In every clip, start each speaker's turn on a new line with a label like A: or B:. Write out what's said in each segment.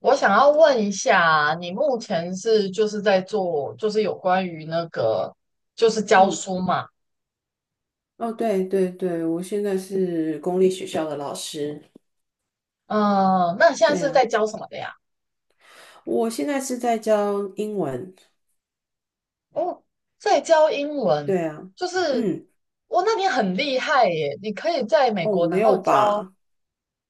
A: 我想要问一下，你目前是在做，就是有关于教
B: 嗯，
A: 书嘛？
B: 哦，对对对，我现在是公立学校的老师。
A: 嗯、那你现在
B: 对
A: 是
B: 啊，
A: 在教什么的呀？
B: 我现在是在教英文。
A: 哦，在教英文，
B: 对啊，
A: 就是
B: 嗯，
A: 我、那你很厉害耶！你可以在美
B: 哦，
A: 国
B: 没
A: 然后
B: 有
A: 教，
B: 吧？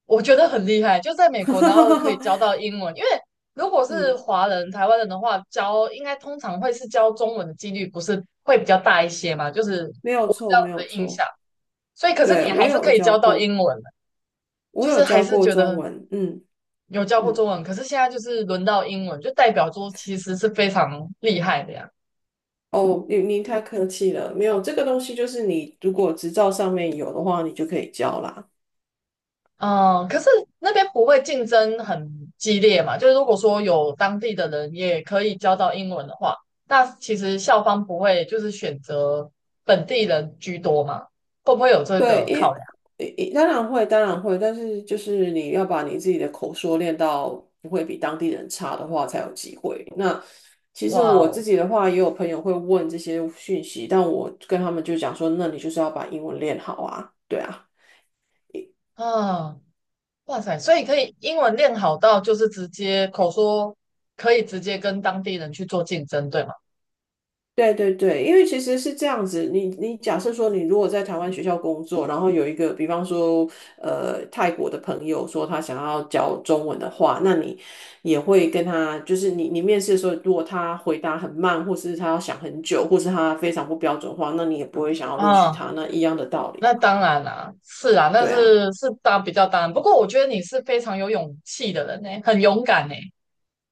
A: 我觉得很厉害，就在美国然后可以 教到英文，因为如果是
B: 嗯，
A: 华人、台湾人的话，教应该通常会是教中文的几率不是会比较大一些嘛，就是
B: 没有
A: 这
B: 错，
A: 样
B: 没
A: 子
B: 有
A: 的印
B: 错。
A: 象。所以，可是
B: 对，
A: 你还
B: 我
A: 是
B: 有
A: 可以
B: 教
A: 教到
B: 过，
A: 英文。
B: 我
A: 就
B: 有
A: 是还
B: 教
A: 是
B: 过
A: 觉
B: 中
A: 得
B: 文。嗯
A: 有教过
B: 嗯，
A: 中文，可是现在就是轮到英文，就代表说其实是非常厉害的呀。
B: 哦，您太客气了，没有这个东西，就是你如果执照上面有的话，你就可以教啦。
A: 嗯，可是那边不会竞争很激烈嘛？就是如果说有当地的人也可以教到英文的话，那其实校方不会就是选择本地人居多嘛？会不会有这
B: 对，
A: 个考量？
B: 当然会，当然会，但是就是你要把你自己的口说练到不会比当地人差的话，才有机会。那其实
A: 哇
B: 我自
A: 哦，
B: 己的话，也有朋友会问这些讯息，但我跟他们就讲说，那你就是要把英文练好啊，对啊。
A: 啊，哇塞！所以可以英文练好到就是直接口说，可以直接跟当地人去做竞争，对吗？
B: 对对对，因为其实是这样子，你假设说你如果在台湾学校工作，然后有一个比方说泰国的朋友说他想要教中文的话，那你也会跟他，就是你面试的时候，如果他回答很慢，或是他要想很久，或是他非常不标准化，那你也不会想要录取
A: 啊。
B: 他，那一样的道理
A: 那
B: 嘛。
A: 当然啦、是啊，那
B: 对啊，
A: 是当比较当然。不过我觉得你是非常有勇气的人呢、很勇敢呢、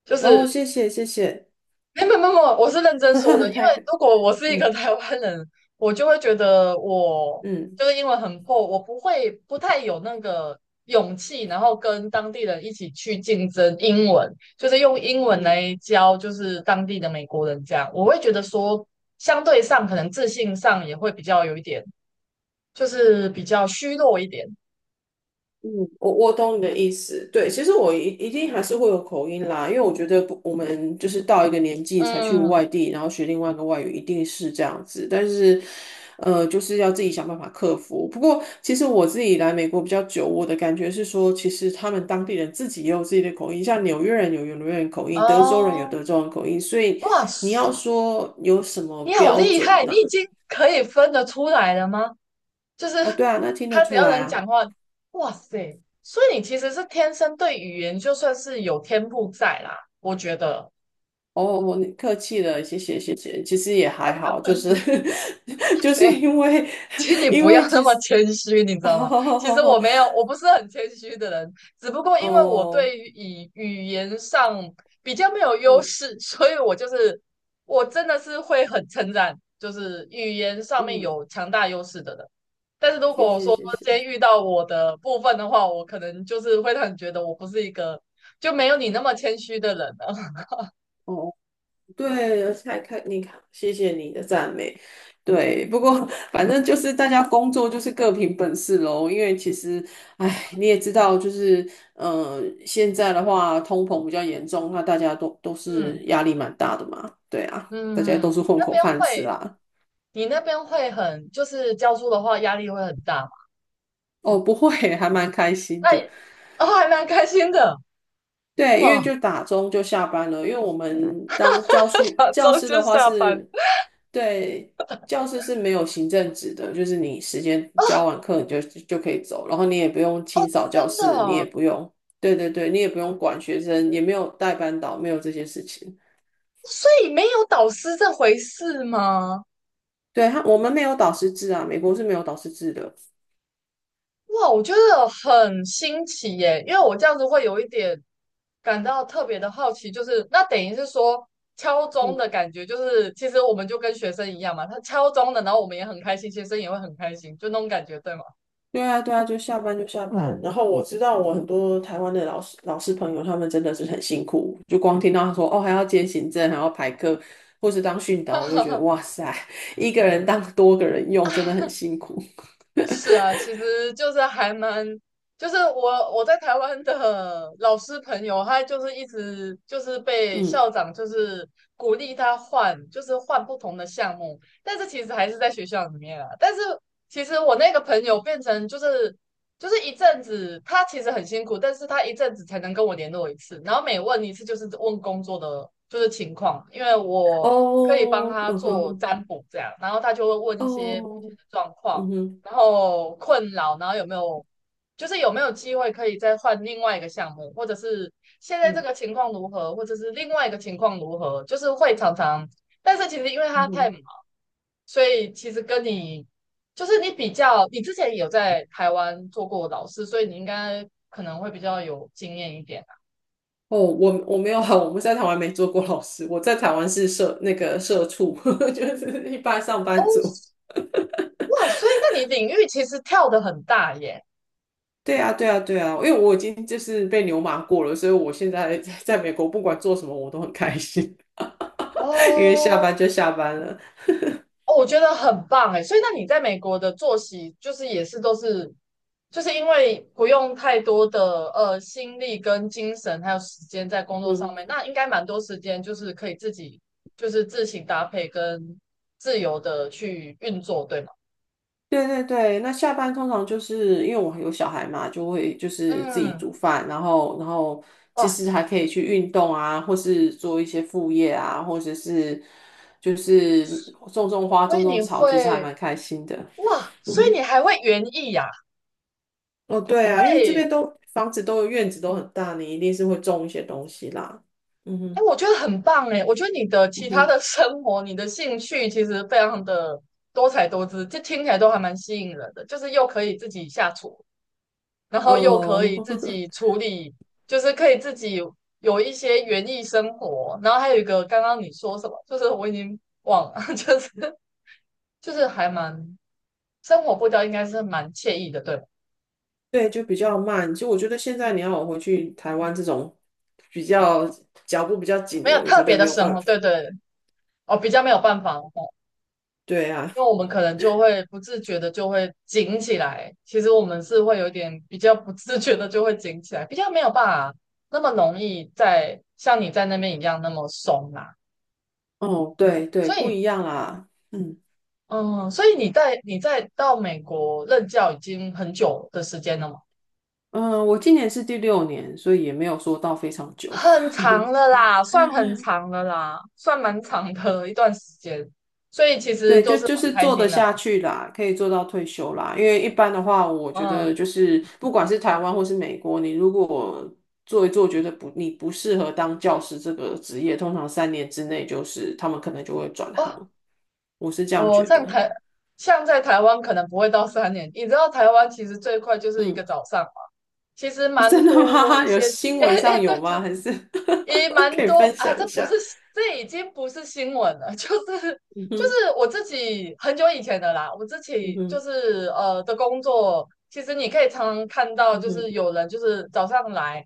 A: 就
B: 哦，
A: 是
B: 谢谢谢谢，
A: 没，我是认真说的，因 为
B: 太
A: 如果我是一个
B: 嗯
A: 台湾人，我就会觉得我
B: 嗯
A: 就是英文很破，我不会不太有那个勇气，然后跟当地人一起去竞争英文，就是用英文
B: 嗯。
A: 来教就是当地的美国人这样，我会觉得说相对上可能自信上也会比较有一点，就是比较虚弱一点。
B: 嗯，我懂你的意思。对，其实我一定还是会有口音啦，因为我觉得不，我们就是到一个年纪才去
A: 嗯，
B: 外地，然后学另外一个外语，一定是这样子。但是，就是要自己想办法克服。不过，其实我自己来美国比较久，我的感觉是说，其实他们当地人自己也有自己的口音，像纽约人有纽约人口音，德州人有
A: 哦，
B: 德州人口音，所以
A: 哇
B: 你
A: 塞，
B: 要说有什么
A: 你好
B: 标
A: 厉
B: 准
A: 害！你已
B: 呢、
A: 经可以分得出来了吗？就
B: 哦，
A: 是
B: 对啊，那听得
A: 他只
B: 出
A: 要
B: 来
A: 能
B: 啊。
A: 讲话，哇塞！所以你其实是天生对语言就算是有天赋在啦，我觉得。
B: 哦，我客气了，谢谢谢谢。其实也还好，就是 就
A: 对。
B: 是因为
A: 请你
B: 因
A: 不
B: 为
A: 要那
B: 其
A: 么
B: 实
A: 谦虚，你知 道吗？其实我
B: 哦
A: 没有，我不是很谦虚的人，只不过因为我
B: 哦
A: 对于语言上比较没有优
B: 嗯
A: 势，所以我真的是会很称赞，就是语言上面
B: 嗯，
A: 有强大优势的人。但是如
B: 谢
A: 果
B: 谢
A: 说
B: 谢
A: 今
B: 谢。
A: 天遇到我的部分的话，我可能就是会让你觉得我不是一个就没有你那么谦虚的人了。
B: 哦，对，才看你看，谢谢你的赞美。对，不过反正就是大家工作就是各凭本事喽。因为其实，哎，你也知道，就是现在的话通膨比较严重，那大家都是
A: 嗯
B: 压力蛮大的嘛。对啊，大家
A: 嗯
B: 都
A: 嗯，
B: 是混口饭吃
A: 会，
B: 啦。
A: 你那边会很，就是教书的话压力会很大嘛？
B: 哦，不会，还蛮开心
A: 那
B: 的。
A: 哦，还蛮开心的，
B: 对，因
A: 哇，
B: 为就打钟就下班了，因为我们当教书
A: 两
B: 教
A: 周
B: 师
A: 就
B: 的话
A: 下班。
B: 是，对，教师是没有行政职的，就是你时间教完课你就可以走，然后你也不用清扫
A: 真
B: 教
A: 的
B: 室，你也
A: 啊，
B: 不用，对对对，你也不用管学生，也没有带班导，没有这些事情。
A: 所以没有导师这回事吗？
B: 对，我们没有导师制啊，美国是没有导师制的。
A: 哇，我觉得很新奇耶，因为我这样子会有一点感到特别的好奇，就是那等于是说敲钟的
B: 嗯。
A: 感觉，就是其实我们就跟学生一样嘛，他敲钟的，然后我们也很开心，学生也会很开心，就那种感觉，对吗？
B: 对啊，对啊，就下班就下班。嗯然后我知道我很多台湾的老师朋友，他们真的是很辛苦。就光听到他说哦，还要兼行政，还要排课，或是当训导，我就觉得 哇塞，一个人当多个人用，真的很辛苦。
A: 是啊，其实就是还蛮，就是我在台湾的老师朋友，他就是一直就是被
B: 嗯，
A: 校长就是鼓励他换，就是换不同的项目，但是其实还是在学校里面啊。但是其实我那个朋友变成就是一阵子，他其实很辛苦，但是他一阵子才能跟我联络一次，然后每问一次就是问工作的就是情况，因为我可以帮
B: 哦，
A: 他
B: 嗯哼
A: 做
B: 哼，
A: 占卜这样，然后他就会问一些目前
B: 哦，
A: 的状况。
B: 嗯哼，
A: 然后困扰，然后有没有机会可以再换另外一个项目，或者是现在这
B: 嗯
A: 个情况如何，或者是另外一个情况如何，就是会常常，但是其实因为
B: 嗯
A: 他太
B: 哼。
A: 忙，所以其实跟你就是你比较，你之前也有在台湾做过老师，所以你应该可能会比较有经验一点啊。
B: 哦，我没有啊，我们在台湾没做过老师，我在台湾是社那个社畜，就是一般上
A: 哦，
B: 班族。
A: 哇，所以那你领域其实跳得很大耶。
B: 对啊，对啊，对啊，因为我已经就是被牛马过了，所以我现在 在美国不管做什么我都很开心，因为下
A: 哦，
B: 班就下班了。
A: 哦，我觉得很棒哎，所以那你在美国的作息就是也是都是，就是因为不用太多的心力跟精神还有时间在工作上
B: 嗯，
A: 面，那应该蛮多时间就是可以自己就是自行搭配跟自由的去运作，对吗？
B: 对对对，那下班通常就是因为我有小孩嘛，就会就是自己
A: 嗯，
B: 煮饭，然后其
A: 哇，
B: 实还可以去运动啊，或是做一些副业啊，或者是就是种种花、
A: 所
B: 种
A: 以
B: 种
A: 你
B: 草，其实还
A: 会
B: 蛮开心的。
A: 哇，
B: 嗯
A: 所以你
B: 哼，
A: 还会园艺呀、
B: 哦，对啊，因为这边
A: 会。
B: 都房子都有院子都很大，你一定是会种一些东西啦。嗯
A: 哎，
B: 哼。
A: 我觉得很棒哎！我觉得你的其他
B: 嗯
A: 的生活、你的兴趣其实非常的多彩多姿，这听起来都还蛮吸引人的。就是又可以自己下厨，然后又可
B: 哦，
A: 以自己 处理，就是可以自己有一些园艺生活。然后还有一个，刚刚你说什么？就是我已经忘了，还蛮生活步调应该是蛮惬意的，对，
B: 对，就比较慢。其实我觉得现在你要我回去台湾这种比较脚步比较紧
A: 没
B: 的
A: 有
B: 人，我
A: 特
B: 觉得
A: 别的
B: 没有
A: 生
B: 办
A: 活，对
B: 法。
A: 对哦，比较没有办法哦，
B: 对啊，
A: 因为我们可能就会不自觉的就会紧起来，其实我们是会有点比较不自觉的就会紧起来，比较没有办法那么容易在像你在那边一样那么松啦、
B: 哦，对对，
A: 所
B: 不
A: 以，
B: 一样啦。嗯
A: 嗯，所以你在到美国任教已经很久的时间了吗？
B: 嗯，我今年是第六年，所以也没有说到非常久。
A: 很 长了啦，算很长了啦，算蛮长的一段时间。所以其实
B: 对，
A: 都
B: 就
A: 是很
B: 就是
A: 开
B: 做得
A: 心的嘛。
B: 下去啦，可以做到退休啦。因为一般的话，我觉得
A: 嗯，
B: 就是不管是台湾或是美国，你如果做一做，觉得不你不适合当教师这个职业，通常3年之内就是他们可能就会转
A: 哦，
B: 行。我是这样
A: 哦，
B: 觉得。
A: 像在台湾可能不会到三年，你知道台湾其实最快就是一个
B: 嗯，
A: 早上嘛，其实 蛮
B: 真的
A: 多
B: 吗？
A: 一
B: 有
A: 些，
B: 新
A: 哎
B: 闻
A: 哎
B: 上有
A: 对对，
B: 吗？还是
A: 也
B: 可
A: 蛮
B: 以
A: 多
B: 分
A: 啊，
B: 享一下？
A: 这已经不是新闻了，就是
B: 嗯
A: 就
B: 哼，
A: 是我自己很久以前的啦，我自
B: 嗯
A: 己就
B: 哼，
A: 是的工作，其实你可以常常看到，
B: 嗯
A: 就
B: 哼，
A: 是有人就是早上来，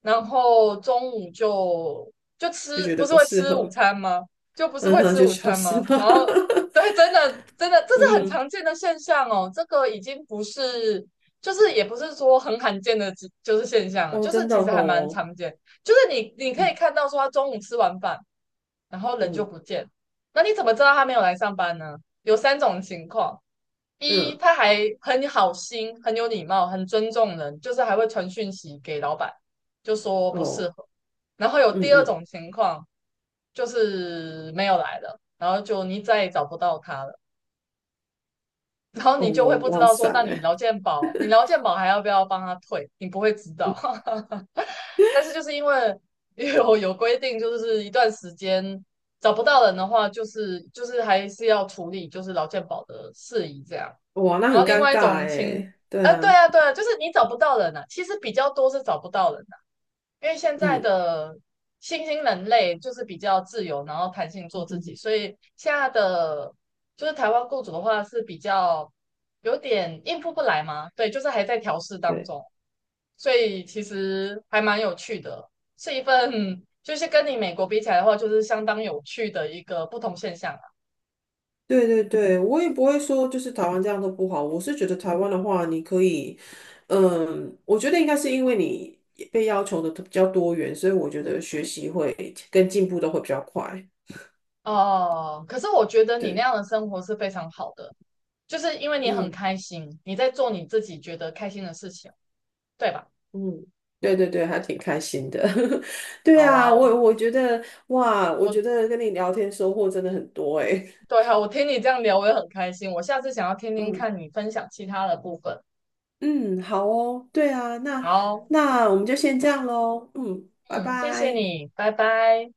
A: 然后中午就就
B: 就
A: 吃，
B: 觉
A: 不
B: 得
A: 是
B: 不
A: 会
B: 适
A: 吃午
B: 合，
A: 餐吗？就不是
B: 嗯
A: 会
B: 哼，
A: 吃
B: 就
A: 午
B: 消
A: 餐
B: 失
A: 吗？然
B: 吧。
A: 后 对，真的真的，这
B: 嗯
A: 是很
B: 哼，
A: 常见的现象哦。这个已经不是，就是也不是说很罕见的，就是现象了，
B: 哦，
A: 就是
B: 真的
A: 其实还蛮
B: 哦，
A: 常见。就是你可以
B: 嗯
A: 看到说，他中午吃完饭，然后人就
B: 嗯
A: 不见。那你怎么知道他没有来上班呢？有三种情况：一，
B: 嗯，
A: 他还很好心、很有礼貌、很尊重人，就是还会传讯息给老板，就说不适
B: 哦，
A: 合。然后有
B: 嗯
A: 第二
B: 嗯，
A: 种情况，就是没有来了，然后就你再也找不到他了，然后
B: 哦，
A: 你就会不知
B: 哇
A: 道
B: 塞，
A: 说，那你劳健保，你劳健保还要不要帮他退？你不会知道。但是就是因为 有规定，就是一段时间找不到人的话，就是还是要处理就是劳健保的事宜这样。
B: 哇，那
A: 然
B: 很
A: 后另
B: 尴
A: 外一
B: 尬
A: 种情，
B: 哎。对
A: 对
B: 啊，
A: 啊，对啊，就是你找不到人啊，其实比较多是找不到人。因为现在
B: 嗯
A: 的新兴人类就是比较自由，然后弹性做自己，
B: 嗯，
A: 所以现在的就是台湾雇主的话是比较有点应付不来嘛，对，就是还在调试当
B: 对。
A: 中，所以其实还蛮有趣的，是一份就是跟你美国比起来的话，就是相当有趣的一个不同现象啊。
B: 对对对，我也不会说就是台湾这样都不好，我是觉得台湾的话，你可以，嗯，我觉得应该是因为你被要求的比较多元，所以我觉得学习会跟进步都会比较快。
A: 哦，可是我觉得你那
B: 对，
A: 样的生活是非常好的，就是因为你很
B: 嗯
A: 开心，你在做你自己觉得开心的事情，对吧？
B: 嗯，对对对，还挺开心的。对
A: 好啊
B: 啊，
A: 哦。
B: 我觉得哇，我
A: 我
B: 觉得跟你聊天收获真的很多诶。
A: 对哈，我听你这样聊，我也很开心。我下次想要听 听
B: 嗯
A: 看你分享其他的部分。
B: 嗯，好哦，对啊，那
A: 好，
B: 那我们就先这样喽。嗯，拜
A: 嗯，谢谢
B: 拜。
A: 你，拜拜。